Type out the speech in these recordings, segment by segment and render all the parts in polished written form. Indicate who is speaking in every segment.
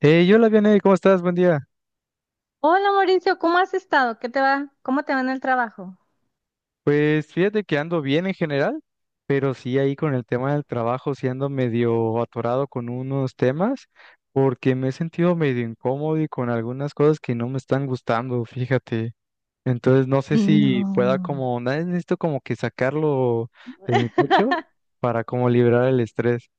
Speaker 1: Hey, hola, Vianey, ¿cómo estás? Buen día.
Speaker 2: Hola Mauricio, ¿cómo has estado? ¿Qué te va? ¿Cómo te va en el trabajo?
Speaker 1: Pues fíjate que ando bien en general, pero sí ahí con el tema del trabajo, sí ando medio atorado con unos temas, porque me he sentido medio incómodo y con algunas cosas que no me están gustando, fíjate. Entonces no sé si pueda
Speaker 2: No.
Speaker 1: como, nada, necesito como que sacarlo de mi pecho para como liberar el estrés.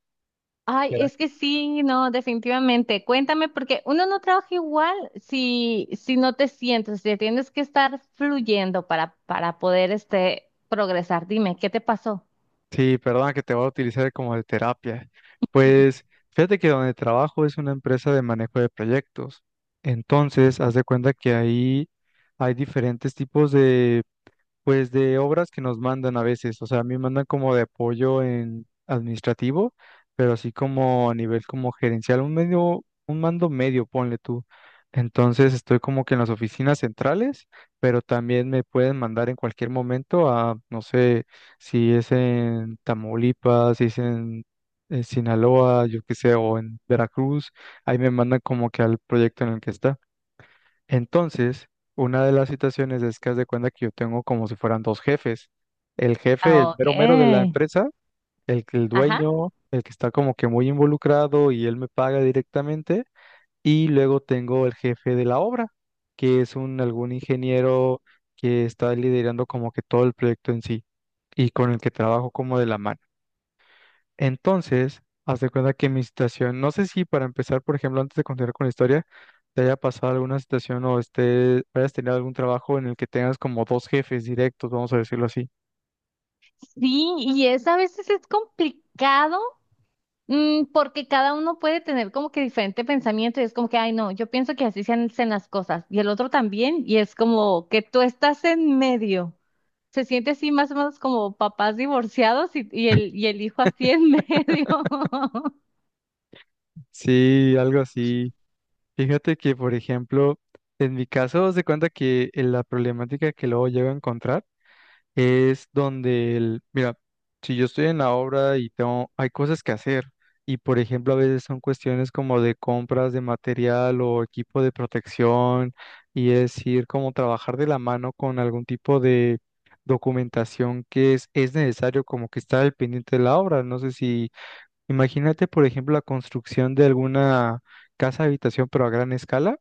Speaker 2: Ay, es que sí, no, definitivamente. Cuéntame, porque uno no trabaja igual si no te sientes, si tienes que estar fluyendo para poder progresar. Dime, ¿qué te pasó?
Speaker 1: Sí, perdona que te voy a utilizar como de terapia. Pues fíjate que donde trabajo es una empresa de manejo de proyectos. Entonces, haz de cuenta que ahí hay diferentes tipos de pues de obras que nos mandan a veces, o sea, a mí me mandan como de apoyo en administrativo, pero así como a nivel como gerencial, un medio, un mando medio, ponle tú. Entonces estoy como que en las oficinas centrales, pero también me pueden mandar en cualquier momento a, no sé, si es en Tamaulipas, si es en Sinaloa, yo qué sé, o en Veracruz, ahí me mandan como que al proyecto en el que está. Entonces, una de las situaciones es que haz de cuenta que yo tengo como si fueran dos jefes. El jefe,
Speaker 2: Ah,
Speaker 1: el
Speaker 2: ok.
Speaker 1: mero mero de la empresa, el
Speaker 2: Ajá.
Speaker 1: dueño, el que está como que muy involucrado y él me paga directamente. Y luego tengo el jefe de la obra, que es un algún ingeniero que está liderando como que todo el proyecto en sí y con el que trabajo como de la mano. Entonces, haz de cuenta que mi situación, no sé si para empezar, por ejemplo, antes de continuar con la historia, te haya pasado alguna situación o esté, hayas tenido algún trabajo en el que tengas como dos jefes directos, vamos a decirlo así.
Speaker 2: Sí, y es a veces es complicado, Mm, porque cada uno puede tener como que diferente pensamiento y es como que, ay, no, yo pienso que así se hacen las cosas y el otro también y es como que tú estás en medio. Se siente así más o menos como papás divorciados y el hijo así en medio.
Speaker 1: Sí, algo así. Fíjate que, por ejemplo, en mi caso, haz de cuenta que la problemática que luego llego a encontrar es donde el, mira, si yo estoy en la obra y tengo, hay cosas que hacer, y por ejemplo a veces son cuestiones como de compras de material o equipo de protección, y es ir como trabajar de la mano con algún tipo de documentación que es necesario como que estar al pendiente de la obra. No sé si, imagínate por ejemplo la construcción de alguna casa habitación pero a gran escala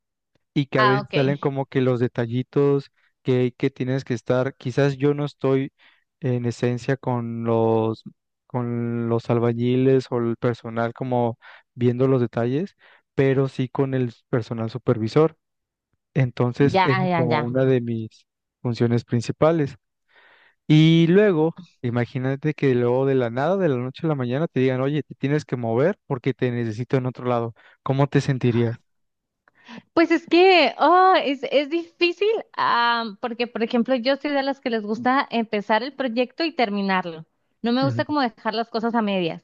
Speaker 1: y que a
Speaker 2: Ah,
Speaker 1: veces
Speaker 2: ok.
Speaker 1: salen como que los detallitos que tienes que estar. Quizás yo no estoy en esencia con los albañiles o el personal como viendo los detalles, pero sí con el personal supervisor. Entonces,
Speaker 2: Ya,
Speaker 1: esa es
Speaker 2: ya,
Speaker 1: como
Speaker 2: ya.
Speaker 1: una de mis funciones principales. Y luego, imagínate que luego de la nada, de la noche a la mañana, te digan, oye, te tienes que mover porque te necesito en otro lado. ¿Cómo te sentirías?
Speaker 2: Pues es que es difícil, ah, porque, por ejemplo, yo soy de las que les gusta empezar el proyecto y terminarlo. No me gusta como dejar las cosas a medias.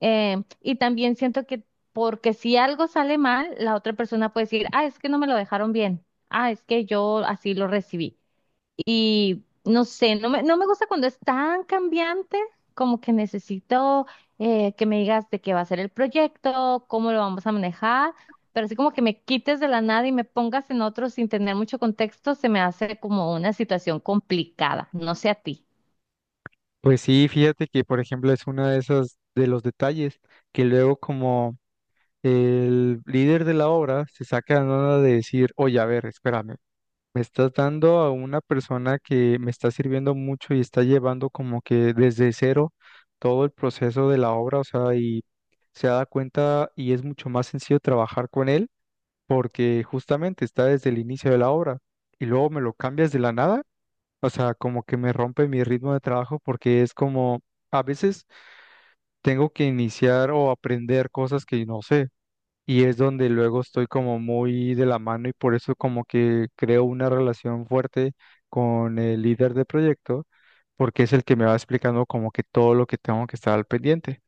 Speaker 2: Y también siento que, porque si algo sale mal, la otra persona puede decir, ah, es que no me lo dejaron bien, ah, es que yo así lo recibí. Y no sé, no me gusta cuando es tan cambiante, como que necesito que me digas de qué va a ser el proyecto, cómo lo vamos a manejar, pero así como que me quites de la nada y me pongas en otro sin tener mucho contexto, se me hace como una situación complicada, no sé a ti.
Speaker 1: Pues sí, fíjate que por ejemplo es uno de esos de los detalles que luego como el líder de la obra se saca la nada de decir, oye, a ver, espérame, me estás dando a una persona que me está sirviendo mucho y está llevando como que desde cero todo el proceso de la obra, o sea, y se da cuenta y es mucho más sencillo trabajar con él porque justamente está desde el inicio de la obra y luego me lo cambias de la nada. O sea, como que me rompe mi ritmo de trabajo porque es como, a veces tengo que iniciar o aprender cosas que no sé. Y es donde luego estoy como muy de la mano y por eso como que creo una relación fuerte con el líder de proyecto, porque es el que me va explicando como que todo lo que tengo que estar al pendiente.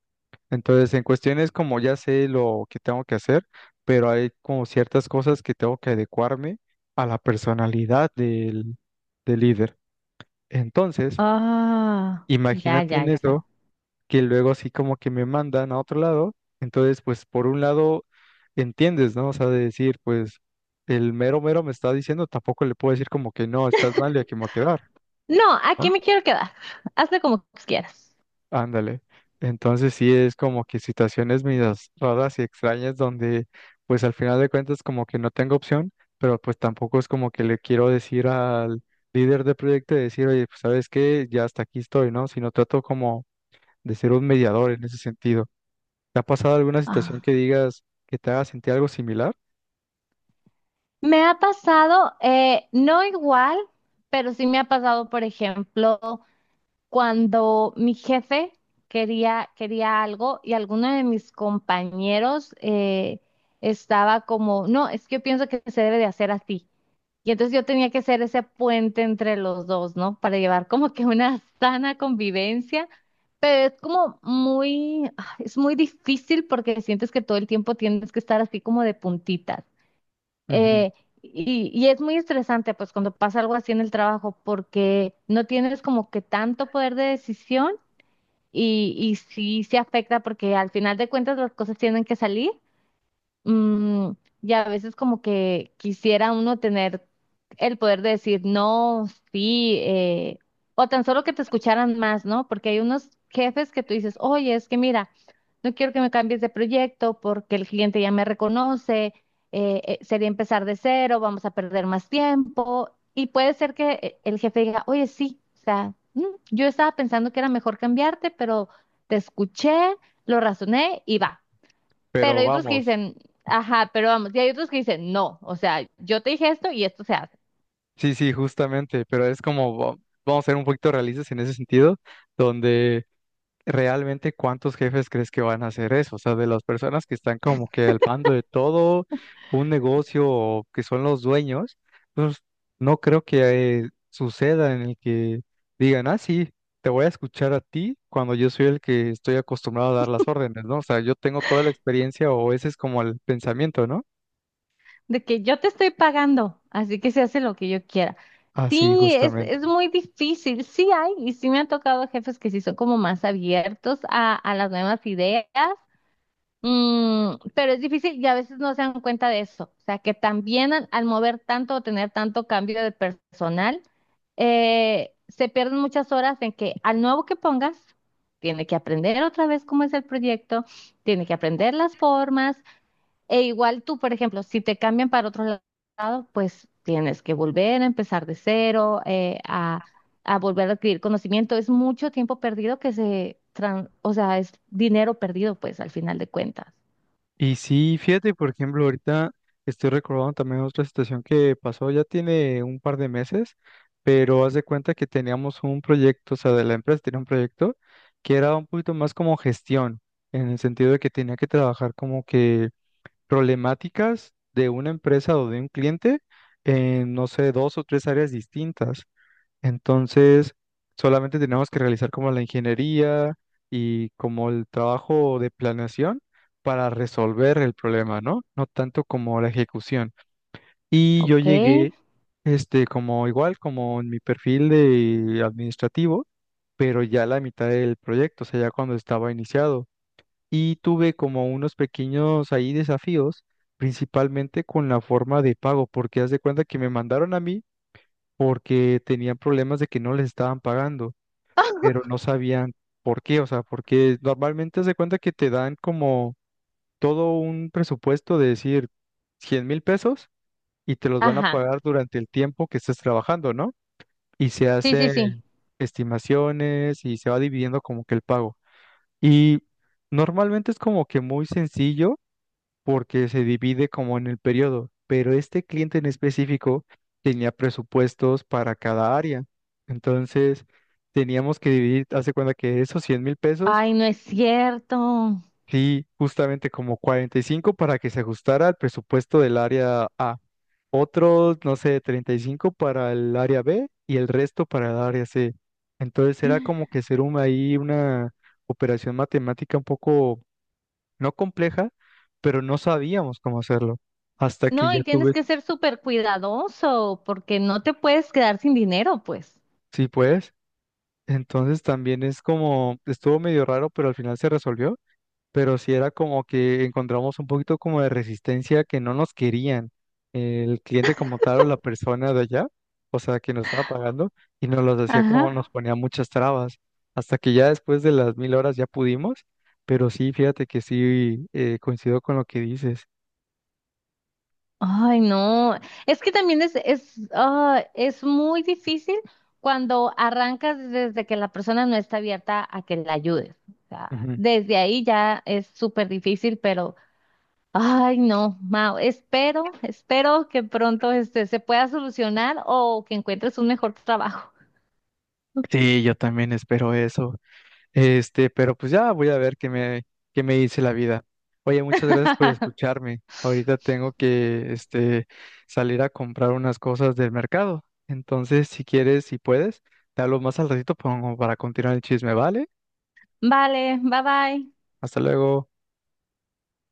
Speaker 1: Entonces, en cuestiones como ya sé lo que tengo que hacer, pero hay como ciertas cosas que tengo que adecuarme a la personalidad del líder. Entonces,
Speaker 2: Ah, ya,
Speaker 1: imagínate
Speaker 2: ya,
Speaker 1: en
Speaker 2: ya.
Speaker 1: eso, que luego así como que me mandan a otro lado, entonces pues por un lado entiendes, ¿no? O sea, de decir, pues el mero mero me está diciendo, tampoco le puedo decir como que no, estás mal y aquí me voy a quedar,
Speaker 2: No, aquí
Speaker 1: ¿no?
Speaker 2: me quiero quedar. Hazle como quieras.
Speaker 1: Ándale. Entonces sí es como que situaciones medias raras y extrañas donde pues al final de cuentas como que no tengo opción, pero pues tampoco es como que le quiero decir al líder de proyecto y decir, oye, pues sabes qué, ya hasta aquí estoy, ¿no? Sino trato como de ser un mediador en ese sentido. ¿Te ha pasado alguna
Speaker 2: Ah,
Speaker 1: situación que digas que te haga sentir algo similar?
Speaker 2: me ha pasado, no igual, pero sí me ha pasado, por ejemplo, cuando mi jefe quería algo y alguno de mis compañeros estaba como, no, es que yo pienso que se debe de hacer así. Y entonces yo tenía que ser ese puente entre los dos, ¿no? Para llevar como que una sana convivencia, pero es como muy, ah, es muy difícil porque sientes que todo el tiempo tienes que estar así como de puntitas.
Speaker 1: Ujú. Sí.
Speaker 2: Eh, y, y es muy estresante, pues cuando pasa algo así en el trabajo, porque no tienes como que tanto poder de decisión y sí se afecta porque al final de cuentas las cosas tienen que salir. Mm, y a veces como que quisiera uno tener el poder de decir no, sí, o tan solo que te escucharan más, ¿no? Porque hay unos jefes que tú dices, oye, es que mira, no quiero que me cambies de proyecto porque el cliente ya me reconoce, sería empezar de cero, vamos a perder más tiempo. Y puede ser que el jefe diga, oye, sí, o sea, mm, yo estaba pensando que era mejor cambiarte, pero te escuché, lo razoné y va. Pero
Speaker 1: Pero
Speaker 2: hay otros que
Speaker 1: vamos,
Speaker 2: dicen, ajá, pero vamos, y hay otros que dicen, no, o sea, yo te dije esto y esto se hace.
Speaker 1: sí, sí, justamente, pero es como, vamos a ser un poquito realistas en ese sentido, donde realmente ¿cuántos jefes crees que van a hacer eso? O sea, de las personas que están como que al mando de todo un negocio o que son los dueños, pues no creo que suceda en el que digan, ah, sí, te voy a escuchar a ti cuando yo soy el que estoy acostumbrado a dar las órdenes, ¿no? O sea, yo tengo toda la experiencia o ese es como el pensamiento, ¿no?
Speaker 2: De que yo te estoy pagando, así que se hace lo que yo quiera.
Speaker 1: Así,
Speaker 2: Sí,
Speaker 1: justamente.
Speaker 2: es muy difícil, sí hay, y sí me han tocado jefes que sí son como más abiertos a las nuevas ideas. Mm, pero es difícil y a veces no se dan cuenta de eso. O sea, que también al mover tanto o tener tanto cambio de personal, se pierden muchas horas en que al nuevo que pongas, tiene que aprender otra vez cómo es el proyecto, tiene que aprender las formas, e igual tú, por ejemplo, si te cambian para lado, pues tienes que volver a empezar de cero, a volver a adquirir conocimiento. Es mucho tiempo perdido que o sea, es dinero perdido, pues al final de cuentas.
Speaker 1: Y sí, fíjate, por ejemplo, ahorita estoy recordando también otra situación que pasó, ya tiene un par de meses, pero haz de cuenta que teníamos un proyecto, o sea, de la empresa tenía un proyecto que era un poquito más como gestión, en el sentido de que tenía que trabajar como que problemáticas de una empresa o de un cliente en, no sé, dos o tres áreas distintas. Entonces, solamente tenemos que realizar como la ingeniería y como el trabajo de planeación para resolver el problema, ¿no? No tanto como la ejecución. Y yo
Speaker 2: Ok.
Speaker 1: llegué, como igual, como en mi perfil de administrativo, pero ya a la mitad del proyecto, o sea, ya cuando estaba iniciado. Y tuve como unos pequeños ahí desafíos, principalmente con la forma de pago, porque haz de cuenta que me mandaron a mí porque tenían problemas de que no les estaban pagando pero no sabían por qué, o sea, porque normalmente se cuenta que te dan como todo un presupuesto de decir 100,000 pesos y te los van a
Speaker 2: Ajá.
Speaker 1: pagar durante el tiempo que estés trabajando, ¿no? Y se
Speaker 2: Sí, sí, sí.
Speaker 1: hacen estimaciones y se va dividiendo como que el pago. Y normalmente es como que muy sencillo porque se divide como en el periodo, pero este cliente en específico tenía presupuestos para cada área. Entonces, teníamos que dividir, hace cuenta que esos 100,000 pesos,
Speaker 2: Ay, no es cierto.
Speaker 1: sí, justamente como 45 para que se ajustara al presupuesto del área A, otros, no sé, 35 para el área B y el resto para el área C. Entonces, era como que ser un, ahí una operación matemática un poco no compleja, pero no sabíamos cómo hacerlo. Hasta que
Speaker 2: No,
Speaker 1: ya
Speaker 2: y tienes
Speaker 1: tuve,
Speaker 2: que ser súper cuidadoso porque no te puedes quedar sin dinero, pues.
Speaker 1: sí, pues. Entonces también es como, estuvo medio raro, pero al final se resolvió. Pero sí era como que encontramos un poquito como de resistencia que no nos querían el cliente como tal o la persona de allá, o sea, que nos estaba pagando y nos los decía como
Speaker 2: Ajá.
Speaker 1: nos ponía muchas trabas. Hasta que ya después de las mil horas ya pudimos, pero sí, fíjate que sí coincido con lo que dices.
Speaker 2: Ay, no. Es que también es muy difícil cuando arrancas desde que la persona no está abierta a que la ayudes. O sea,
Speaker 1: Ujú.
Speaker 2: desde ahí ya es súper difícil, pero, ay, no, Mao, espero que pronto se pueda solucionar o que encuentres un mejor trabajo.
Speaker 1: Sí, yo también espero eso. Pero pues ya voy a ver qué me dice la vida. Oye, muchas gracias por escucharme. Ahorita tengo que, salir a comprar unas cosas del mercado. Entonces, si quieres, si puedes, te hablo más al ratito pongo para continuar el chisme, ¿vale?
Speaker 2: Vale, bye bye.
Speaker 1: Hasta luego.